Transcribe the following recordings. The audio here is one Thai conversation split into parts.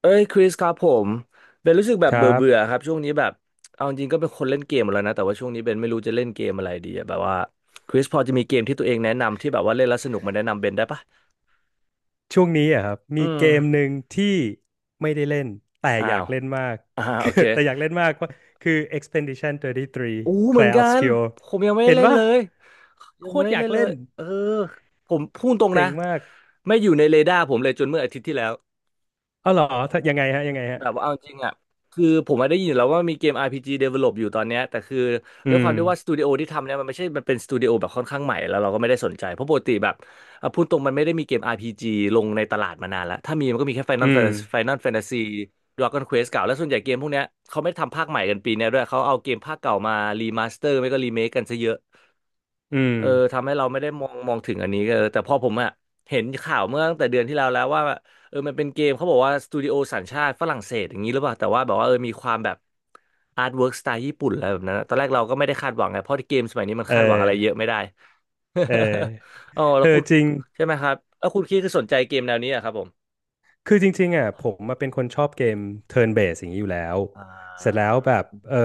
เอ้ยคริสครับผมเบนรู้สึกแบคบรัเบื่อเบื่อบครับช่วงนี้แบบเอาจริงก็เป็นคนเล่นเกมหมดแล้วนะแต่ว่าช่วงนี้เบนไม่รู้จะเล่นเกมอะไรดีอะแบบว่าคริสพอจะมีเกมที่ตัวเองแนะนำที่แบบว่าเล่นแล้วสนุกมาแนะนำเบนได้ปะช่วงนี้อะครับอืมีมเกมหนึ่งที่ไม่ได้เล่นแต่อ้าอยากว เล่นมาก อ่าโอเค แต่อยากเล่นมากว่าคือ Expedition อู้33 เหมือน Clair กัน Obscur ผมยังไม่ได้เห็นเล่นปะเลยยัโคงไม่ตรได้อยาเล่กนเลเล่ยนเออผมพูดตรงเจ๋นะงมากไม่อยู่ในเรดาร์ผมเลยจนเมื่ออาทิตย์ที่แล้ว เอ้าเหรอถ้ายังไงฮะแบบว่าเอาจริงอ่ะคือผมมาได้ยินอยู่แล้วว่ามีเกม RPG develop อยู่ตอนเนี้ยแต่คืออืด้วยความมที่ว่าสตูดิโอที่ทำเนี่ยมันไม่ใช่มันเป็นสตูดิโอแบบค่อนข้างใหม่แล้วเราก็ไม่ได้สนใจเพราะปกติแบบอ่ะพูดตรงมันไม่ได้มีเกม RPG ลงในตลาดมานานแล้วถ้ามีมันก็มีแค่ Final อืม Fantasy Final Fantasy Dragon Quest เก่าแล้วส่วนใหญ่เกมพวกเนี้ยเขาไม่ทำภาคใหม่กันปีเนี้ยด้วยเขาเอาเกมภาคเก่ามารีมาสเตอร์ไม่ก็รีเมคกันซะเยอะ อืมเออทำให้เราไม่ได้มองถึงอันนี้เออแต่พอผมอะเห็นข่าวเมื่อตั้งแต่เดือนที่แล้วแล้วว่าเออมันเป็นเกมเขาบอกว่าสตูดิโอสัญชาติฝรั่งเศสอย่างนี้หรือเปล่าแต่ว่าแบบว่าเออมีความแบบอาร์ตเวิร์กสไตล์ญี่ปุ่นอะไรแบบนั้นอะตอนแรกเราก็ไม่ได้คาดหวังไงเพราะเกมสมัยนี้มันเอคาดหวังอะไรเยอะอไม่ได้ เออ อ๋อแล้เอวคุอณจริง ใช่ไหมครับแล้วคุณคิดคือสนใจเกมแนวนี้อะครับผมคือจริงๆอ่ะผมมาเป็นคนชอบเกม turn based อย่างนี้อยู่แล้วอ่เสร็จแล้าวแบบเออ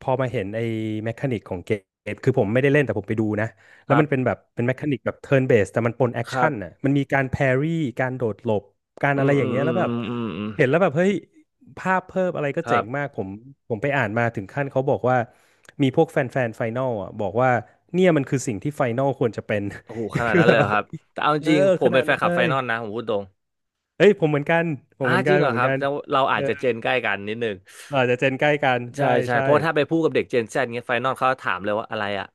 พอมาเห็นไอ้แมคานิกของเกมคือผมไม่ได้เล่นแต่ผมไปดูนะคแล้วรัมันเป็นบแบบเป็นแมคานิกแบบ turn based แต่มันปนแอคครัชั่บนอ่ะมันมีการแพรี่การโดดหลบการอือะไรมออืย่างมเงี้ยอืแล้มวแบอืบมอืมอืเห็นมแล้วแบบเฮ้ยภาพเพิ่มอะไรก็คเจ๋รังมาบกผมไปอ่านมาถึงขั้นเขาบอกว่ามีพวกแฟนแฟนไฟนอลอ่ะบอกว่าเนี่ยมันคือสิ่งที่ไฟนอลควรจะเป็น โอ้โหข นาดคือนั้นเลแบยเหรบอครับแต่เอาจเออริงๆผขมนาเป็นดแฟนนั้นคลัเลบไฟย นอลนะผมพูดตรง เอ้ยผมเหมือนกันผมอ่าเหมือนจกัรินงเหผรอมเหคมือรันบกันแต่เราอาเอจอจะเจนใกล้กันนิดนึงอาจจะเจนใกล้กันใช่ใช่ใช่เพใช่ราะถ้าไปพูดกับเด็กเจน Z เงี้ยไฟนอลเขาถามเลยว่าอะไรอ่ะ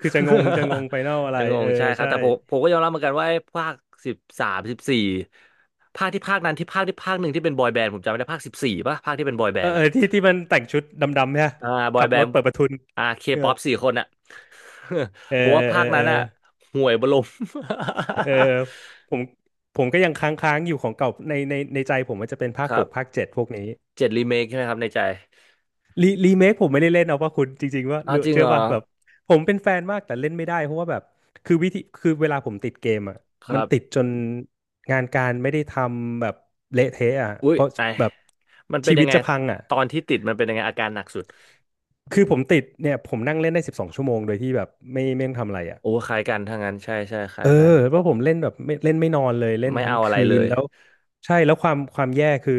คือจะงงไฟนอลอะ ยัไรงงเองใช่อครับใช่แต่ผมก็ยอมรับเหมือนกันว่าไอ้ภาคสิบสามสิบสี่ภาคที่ภาคนั้นที่ภาคที่ภาคหนึ่งที่เป็นบอยแบนด์ผมจำไม่ได้ภาคสิบสี่ป่ะภาคที่เป็นบอยแบเอนอด์เออ่ะอที่ที่มันแต่งชุดดำๆเนี่ยอ่าบอยขับแบรนถด์เปิดประทุนอ่าเคเออป๊อปสี่คนอ่ะ เออ ผมเออว่าเอภาอคเอนั้อนอ่ะห่วยบลม เออ ผมผมก็ยังค้างๆอยู่ของเก่าในใจผมมันจะเป็นภาคครัหกภาคบเจ็ดพวกนี้ เจ็ดรีเมคใช่ไหมครับในใจรีเมคผมไม่ได้เล่นเอาว่าคุณจริงๆว่าอ้าเลืวอจริงเชื่เหรออว่าแบบผมเป็นแฟนมากแต่เล่นไม่ได้เพราะว่าแบบคือวิธีคือเวลาผมติดเกมอ่ะคมัรันติดบ จนงานการไม่ได้ทำแบบเละเทะอ่ะอุ้ยเพราะไอยแบบมันเป็ชีนยัวิตงไงจะพังอ่ะตอนที่ติดมันเป็นยังไงอาการหนักสุดคือผมติดเนี่ยผมนั่งเล่นได้12 ชั่วโมงโดยที่แบบไม่ต้องทำอะไรอ่ะ โอ้คล้ายกันถ้างั้นใช่ใช่คเอล้าอยกันเพราะผมเล่นแบบไม่เล่นไม่นอนเลยเล่นไม่ทั้งเอาอะไรคืเลนยแล้วใช่แล้วความแย่คือ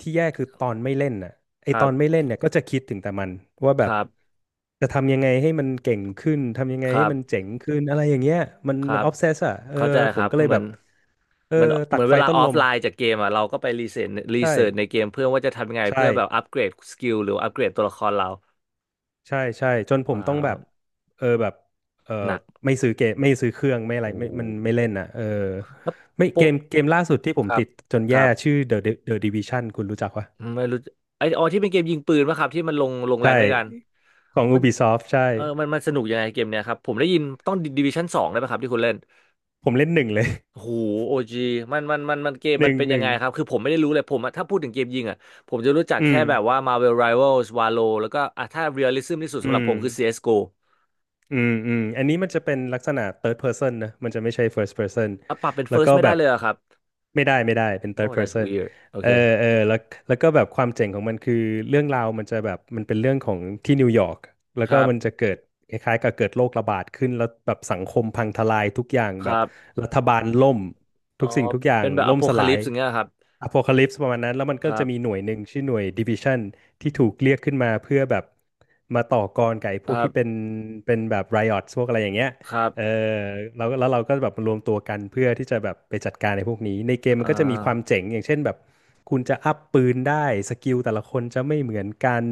ที่แย่คือตอนไม่เล่นน่ะไอครัตอนไม่บเล่นเนี่ยก็จะคิดถึงแต่มันว่าคแบบรับจะทำยังไงให้มันเก่งขึ้นทำยังไงครัให้มันบเจ๋งขึ้นอะไรอย่างเงี้ยมันครัมันบออฟเซสอ่ะเออเข้าใจผคมรับก็เลยเหมืแบอนบเออเหมือนเหตัมืดอนไฟเวลาต้นออลฟมไลน์จากเกมอ่ะเราก็ไปรีเสิร์ชรีใช่เสิร์ชในเกมเพื่อว่าจะทำยังไงใช่ เพื่อแบบอัปเกรดสกิลหรืออัปเกรดตัวละครเราใช่ใช่จนผมว้าต้องแบวบเออแบบเออหนักไม่ซื้อเกมไม่ซื้อเครื่องไม่อะไรโอ้ไม่มันไม่เล่นอ่ะเออแล้วไม่เกโปะมเกมล่าสุดที่ผคมรับติดจนคแย่รับชื่อ The Division คุณรู้จักปะไม่รู้ไออ๋อที่เป็นเกมยิงปืนป่ะครับที่มันลงแรใช่งด้วยกัน ของ มัน Ubisoft ใช่เออมันมันสนุกยังไงเกมเนี้ยครับผมได้ยินต้องดิวิชั่นสองได้ไหมครับที่คุณเล่นผมเล่นหนึ่งเลย โอ้โหโอจีมันเกม หมันนึ่งเป็นหยังนึ่งไงครับคือผมไม่ได้รู้เลยผมอะถ้าพูดถึงเกมยิงอ่ะผมจะรู้จักอืแค่มแบบว่า Marvel Rivals Valo แล้วก็อ่ะถ้า realism ที่สุดสำอืหรับผม มคือ CSGO อสโกอืมอืมอันนี้มันจะเป็นลักษณะ third person นะมันจะไม่ใช่ first person อ่ะปรับเป็น แล้วก็ first ไม่แบได้บเลยเหรอะครับ ไม่ได้เป็น third wow that's person weird โอเออเอเคอแล้วก็แบบความเจ๋งของมันคือเรื่องราวมันจะแบบมันเป็นเรื่องของที่นิวยอร์กแล้วคก็รับมันจะเกิดคล้ายๆกับเกิดโรคระบาดขึ้นแล้วแบบสังคมพังทลายทุกอย่างคแบรับบรัฐบาลล่มอ๋ทุอกสิ่งทุกอย่าเป็งนแบบ ล่มสลาย apocalypse อย่างเงี้ยครับอโพคาลิปส์ประมาณนั้นแล้วมันคก็รัจะบมีหน่วยหนึ่งชื่อหน่วยดิวิชันที่ถูกเรียกขึ้นมาเพื่อแบบมาต่อกรกับไอ้คพวกรัที่เป็นบเป็นแบบไรอ t พวกอะไรอย่างเงี้ยครับเออเราแล้วเราก็แบบรวมตัวกันเพื่อที่จะแบบไปจัดการในพวกนี้ในเกมมัอ่นก็จะมีความาเจ๋งอย่างเช่นแบบคุณจะอัพปืนได้สกิลแต่ละคนจะไม่เหมือนกัน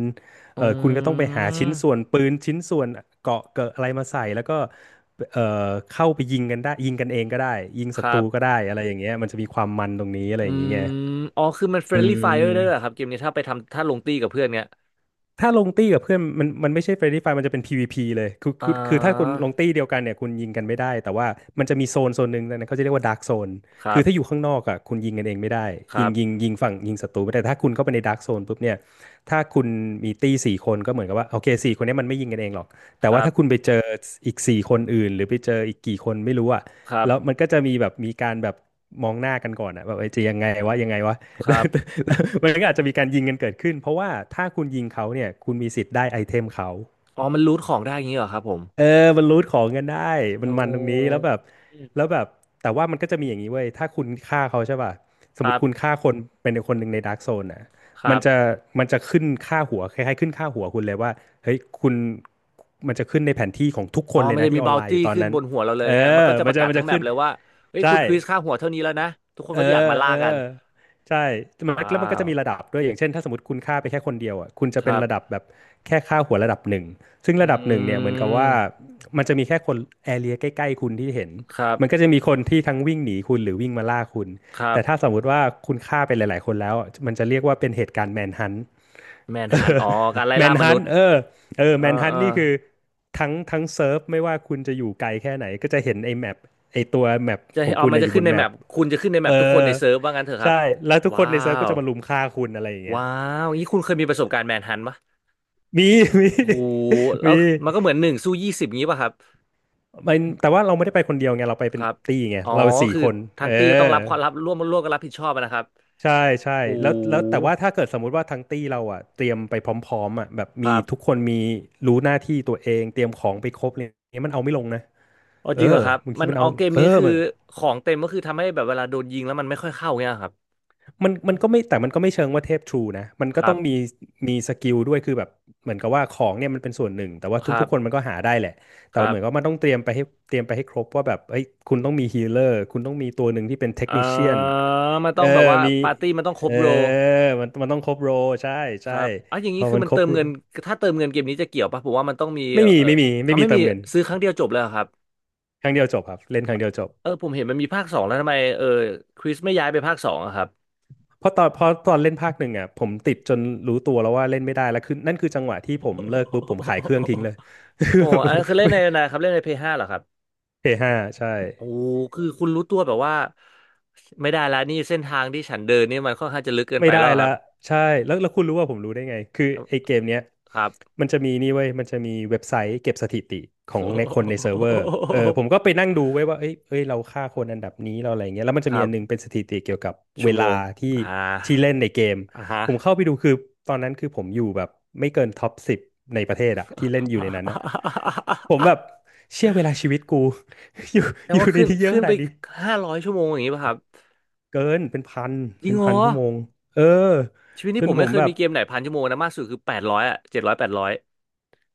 อเออคุณก็ต้ืองไปหาชิ้นมส่วนปืนชิ้นส่วนเกราะเกิดอะไรมาใส่แล้วก็เอ่เข้าไปยิงกันได้ยิงกันเองก็ได้ยิงคศัรัตรูบ ก็ได้อะไรอย่างเงี้ยมันจะมีความมันตรงนี้อะไรอือย่างเงี้ย มอ๋อคือมันเฟเรนลี่ไฟร์ได้ด้วออยเหรอครับเกมนี้ถ้าไปทำถ้าลงตีกับเพื่อนเนี้ยถ้าลงตี้กับเพื่อนมันไม่ใช่ Friendly Fire มันจะเป็น PVP เลยคืออ่คือคือถ้าคุณาลงตี้เดียวกันเนี่ยคุณยิงกันไม่ได้แต่ว่ามันจะมีโซนหนึ่งนะเขาจะเรียกว่า Dark Zone ครัคือถ้าอยู่บข้างนอกอ่ะคุณยิงกันเองไม่ได้ครัยิงยิงบยิงฝั่งยิงศัตรูไม่ได้แต่ถ้าคุณเข้าไปใน Dark Zone ปุ๊บเนี่ยถ้าคุณมีตี้สี่คนก็เหมือนกับว่าโอเคสี่คนเนี้มันไม่ยิงกันเองหรอกคแต่รัว่าถ้าคุณบไปเจออีกสี่คนอื่นหรือไปเจออีกกี่คนไม่รู้อ่ะครัแล้วบมันก็จะมีแบบมีการแบบมองหน้ากันก่อนอ่ะแบบเอ้ยจะยังไงวะยังไงวะ ครับ มันก็อาจจะมีการยิงกันเกิดขึ้นเพราะว่าถ้าคุณยิงเขาเนี่ยคุณมีสิทธิ์ได้ไอเทมเขาอ๋อมันรูทของได้อย่างนี้เหรอครับผมเออมันรูทของกันได้มันโอ้มันตรงนี้แล้วแบบแล้วแบบแต่ว่ามันก็จะมีอย่างนี้เว้ยถ้าคุณฆ่าเขาใช่ป่ะสมมติคุณฆ่าคนเป็นคนหนึ่งในดาร์กโซนนะครัมันจะบมันจะขึ้นค่าหัวคล้ายๆขึ้นค่าหัวคุณเลยว่าเฮ้ยคุณมันจะขึ้นในแผนที่ของทุกคอ๋อนเลมัยนนะจะที่มีอบ อ o นวไลน์อตี้ยู่ตอนขึ้นนั้นบนหัวเราเลยเอเงี้ยมันอก็จะปมันระจะกาศมันทั้งจะแมปขึ้นเลยว่าเฮ้ยคุใช่ ณคริสค่าหัวเท่านี้แล้วนะทุกคนเอก็จะอยากอมาล่าเอกันอใช่มันว้าแล้วมันก็วจะมีระดับด้วยอย่างเช่นถ้าสมมติคุณฆ่าไปแค่คนเดียวอ่ะคุณจะคเป็นรับระดับแบบแค่ฆ่าหัวระดับหนึ่งซึ่งอระดับหนึ่งืเนี่ยเหมือนกับว่ามมันจะมีแค่คนแอเรียใกล้ๆคุณที่เห็นครัมันก็บจะมีคนที่ทั้งวิ่งหนีคุณหรือวิ่งมาล่าคุณครัแต่ถ้าบสมมติว่าคุณฆ่าไปหลายๆคนแล้วอะมันจะเรียกว่าเป็นเหตุการณ์แมนฮัน แมน เอฮันออ๋อการไล่แมล่านมฮันุนษต์ย์เออเออเอ่าแมนฮันอ่า ต์นี่คือทั้งเซิร์ฟไม่ว่าคุณจะอยู่ไกลแค่ไหนก็จะเห็นไอ้แมปไอ้ตัวแมปจะขให้องเอาคุณมันนะอจะยู่บขึ้นนในแมแมป ปคุณจะขึ้นในแมเออปทุกคนในเซิร์ฟว่างั้นเถอะครัใช่บ แล้วทุกคว้านในเซิร์ฟก็ว จะมารุมฆ่าคุณอะไรอย่างเงี้ยว้าวงี้คุณเคยมีประสบการณ์แมนฮันต์ปะมี มีโหแล้มีวมันก็เหมือนหนึ่งสู้ยี่สิบงี้ป่ะครับ มันแต่ว่าเราไม่ได้ไปคนเดียวไงเราไปคเป็นรับ ตี้ไงอ๋อ เราสี่คือคนทางเอตีก็ต้องอรับความรับร่วมร่วมกันรับผิดชอบอะนะครับใช่ใช่โหแล้วแล้วแต่ว่าถ้าเกิดสมมุติว่าทั้งตี้เราอ่ะเตรียมไปพร้อมๆอ่ะแบบคมีรัทุกบคนมีรู้หน้าที่ตัวเองเตรียมของไปครบอะย่างเงี้ยมันเอาไม่ลงนะเอาเอจอริงเหรอครับ บางทีมันมันเอาเอาเกมเออนี้คือมัน ของเต็มก็คือทำให้แบบเวลาโดนยิงแล้วมันไม่ค่อยเข้าเงี้ยครับมันก็ไม่แต่มันก็ไม่เชิงว่าเทพทรูนะมันคก็รัต้อบงมีมีสกิลด้วยคือแบบเหมือนกับว่าของเนี่ยมันเป็นส่วนหนึ่งแต่ว่าครัทุกๆคนมับนก็หาได้แหละคแต่รัว่าเหมือนกับว่ามับนต้องเตรียมไปให้เตรียมไปให้ครบว่าแบบเอ้ยคุณต้องมีฮีเลอร์คุณต้องมีตัวหนึ่งที่เป็นเทคอ่นิเชียนามันต้เออองแบบว่ามีปาร์ตี้มันต้องครเอบอโร มันต้องครบโรใช่คใช่รับอ่ะอย่างพนี้อคือมันมันครเติบมโรเงินถ้าเติมเงินเกมนี้จะเกี่ยวปะผมว่ามันต้องมีไม่มีเออไม่มีเอาไม่มีไม่เติมีมเงินซื้อครั้งเดียวจบเลยเหรอครับครั้งเดียวจบครับเล่นครั้งเดียวจบ เออผมเห็นมันมีภาคสองแล้วทำไมเออคริสไม่ย้ายไปภาคสองอะครับเพราะตอนเล่นภาคหนึ่งอ่ะผมติดจนรู้ตัวแล้วว่าเล่นไม่ได้แล้วคือนั่นคือจังหวะที่ผมเลิกปุ๊บผมขายเครื่องทิ้งเลย โอ้ อันนั้นคือเล่นในนะครับเล่นในเพย์ห้าเหรอครับ เฮฮาใช่ โอ้คือคุณรู้ตัวแบบว่าไม่ได้แล้วนี่เส้นทางที่ฉันเดินนี่มันค่อนข้างจะลึกเกินไม่ไปได้แล้วคละรับใช่แล้วแล้วคุณรู้ว่าผมรู้ได้ไงคือไอ้เกมเนี้ยครับ มันจะมีนี่เว้ยมันจะมีเว็บไซต์เก็บสถิติของในคนในเซิร์ฟเวอร์เออผมก็ไปนั่งดูไว้ยว่าเอ้ยเราฆ่าคนอันดับนี้เราอะไรเงี้ยแล้วมัน คจะมีรัอันนึงบเป็นสถิติเกี่ยวกับเวชั่วโมลางที่อ่าที่เล่นในเกมอ่าฮะ ผมเข้าไปดูคือตอนนั้นคือผมอยู่แบบไม่เกินท็อปสิบในประเทศอะที่เล่นอยู่ในนั้นนะผมแบบ เชื่อเวลาชีวิตกู อยู่แสดองยู่ว่าในขึ้นนี้เยอะขึ้ขนไปนาดนี้500 ชั่วโมงอย่างนี้ป่ะครับเกินเป็นพันจริเป็งนเหรพันอชั่วโมงเออชีวิตจนี้นผมผไม่มเคยแบบ มีเกมไหน1,000 ชั่วโมงนะมากสุดคือแปดร้อยอ่ะ700 800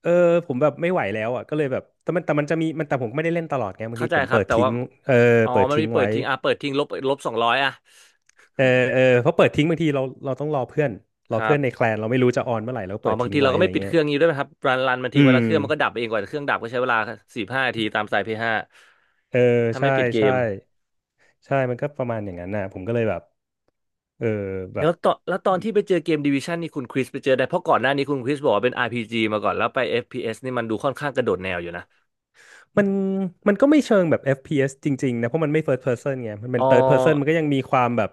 เออผมแบบไม่ไหวแล้วอ่ะก็เลยแบบแต่มันแต่มันจะมีมันแต่ผมไม่ได้เล่นตลอดไงบางเข้าทีใจผมครัเปิบดแต่ทิ้ว่างเอออ๋อเปิดมันทิ้มีงเปิไว้ดทิ้งอ่ะเปิดทิ้งลบ200อ่ะเออเออเพราะเปิดทิ้งบางทีเราต้องรอเพื่อนรคอรัเพื่อนในบแคลนเราไม่รู้จะออนเมื่อไหร่เราก็อ๋อเปิดบางทิ้งทีเราไว้ก็อะไรไม่ปิดเงี้เคยรื่องนี้ด้วยไหมครับรันมันอืทิ้งไว้แล้วมเครื่องมันก็ดับเองกว่าเครื่องดับก็ใช้เวลา4-5 นาทีตามสายพีห s าเออถ้าไม่ใช่ปิดเกใช่มใช่มันก็ประมาณอย่างนั้นน่ะผมก็เลยแบบเออแบแล้บ วตอนแล้วตอนที่ไปเจอเกมดิวิชันนี่คุณคริสไปเจอได้เพราะก่อนหน้านี้คุณคริสบอกว่าเป็น r จีมาก่อนแล้วไปเอ s นี่มันดูค่อนข้างกระโดดแนวอยู่นะมันมันก็ไม่เชิงแบบ FPS จริงๆนะเพราะมันไม่ first person ไงมันเป็อ๋อน third person มันก็ยังมีความแบบ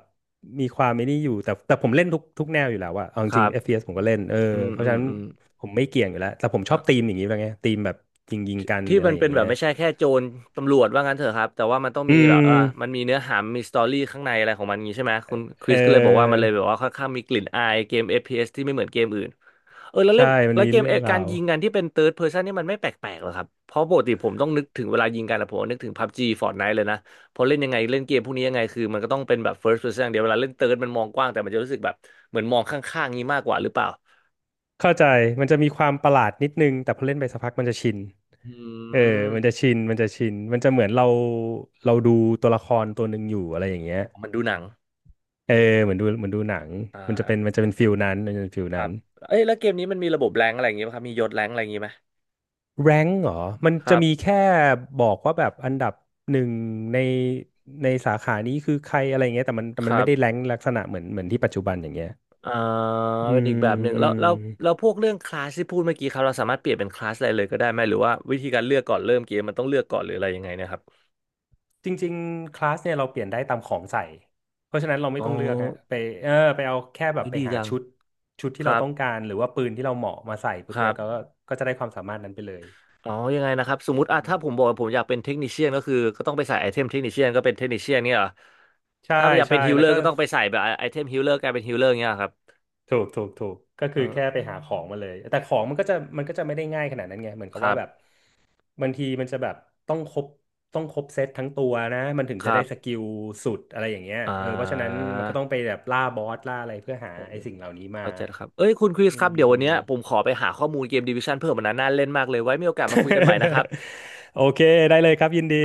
มีความไม่นี่อยู่แต่แต่ผมเล่นทุกแนวอยู่แล้วอะเอาจครัริงๆ บ FPS ผมก็เล่นเอออืมเพราะอืฉะมนั้นอืม ผมไม่เกี่ยงอยู่แล้วแต่ผมชอบธีมอย่างนี้แล้วไงธีมแบบยิงที่กันหที่รืออะมัไรนอเป็ย่างนแบเงี้ยบไม่ใช่แค่โจรตำรวจว่างั้นเถอะครับแต่ว่ามันต้องอืมีแบบมเออมันมีเนื้อหามีสตอรี่ข้างในอะไรของมันงี้ใช่ไหมคุณคเอริอสก็เลยบอกว่ามันเลยแบบว่าค่อนข้างมีกลิ่นอายเกม FPS ที่ไม่เหมือนเกมอื่นเออแล้วใช่เล่นมันแล้วมีเกมเรื่อเองอราการวยิงกันที่เป็น third person นี่มันไม่แปลกๆหรอครับเพราะปกติผมต้องนึกถึงเวลายิงกันนะผมนึกถึง PUBG Fortnite เลยนะพอเล่นยังไงเล่นเกมพวกนี้ยังไงคือมันก็ต้องเป็นแบบ first person อย่างเดียวเวลาเล่น third มันมองกว้างแต่มันจะรู้สึกแบบเหมือนมองข้างๆงี้มากกว่าหรือเปล่าเข้าใจมันจะมีความประหลาดนิดนึงแต่พอเล่นไปสักพักมันจะชินอืเออมันจะมชินมันจะชินมันจะเหมือนเราดูตัวละครตัวหนึ่งอยู่อะไรอย่างเงี้ย มันดูหนังเออเหมือนดูหนังอ่า มันจะเป็นฟิลนั้นมันจะเป็นฟิลครันั้บนเอ้ยแล้วเกมนี้มันมีระบบแรงอะไรอย่างงี้ไหมครับมียศแรงอะไรอย่างงี้ไหมแรงเหรอมันคจะรัมีบแค่บอกว่าแบบอันดับหนึ่งในในสาขานี้คือใครอะไรเงี้ยแต่มันแต่คมันรัไม่ได้แรบงลักษณะเหมือนที่ปัจจุบันอย่างเงี้ยอ่าอืเป็นอีกมแบบหนึ่งอืแล้วมแล้วแล้วพวกเรื่องคลาสที่พูดเมื่อกี้ครับเราสามารถเปลี่ยนเป็นคลาสอะไรเลยก็ได้ไหมหรือว่าวิธีการเลือกก่อนเริ่มเกมมันต้องเลือกก่อนหรืออะไรยังไงเนะครับจริงๆคลาสเนี่ยเราเปลี่ยนได้ตามของใส่เพราะฉะนั้นเราไม่อ๋อต้องเลือกฮะไปเออไปเอาแค่แบเฮ้บยไปดีหาจังชุดชุดคที่เรารับต้องการหรือว่าปืนที่เราเหมาะมาใส่ปุ๊คบรัเนี่ยก็บก็จะได้ความสามารถนั้นไปเลยอ๋อยังไงนะครับสมมติอ่ะถ้าผมบอกว่าผมอยากเป็นเทคนิเชียนก็คือก็ต้องไปใส่ไอเทมเทคนิเชียนก็เป็นเทคนิเชียนเนี่ยเหรอใช่ถ้าอยากเป็ใช่นฮิลแล้เลวอร์ก็ ก็ต้องไปใส่แบบไอเทมฮิลเลอร์กลายเป็นฮิลเลอร์เนี่ยเหรอครับถูกก็คือแค่เออไปหาของมาเลยแต่ของมันก็จะไม่ได้ง่ายขนาดนั้นไงเหมือนคกับรัว่าแบบบบางทีมันจะแบบต้องครบต้องครบเซตทั้งตัวนะมันถึงคจะรัได้สบกิลสุดอะไรอย่างเงี้ยอ่เออเพราะฉะนั้นมันก็ต้องไปา แบบล่าบอสล่าอะไรเพื่อหาโอ้ไอ้สิ่งเหล่านี้มาเข้าใจแล้วครับ เอ้ยคุณคริสอืคม รับเดี๋ยววันเนี้ยผมขอไปหาข้อมูลเกมดิวิชั่นเพิ่มมันนะน่าเล่นมากเลยไว้มีโอกาสมาคุยกันใหม่นะครับ โอเคได้เลยครับยินดี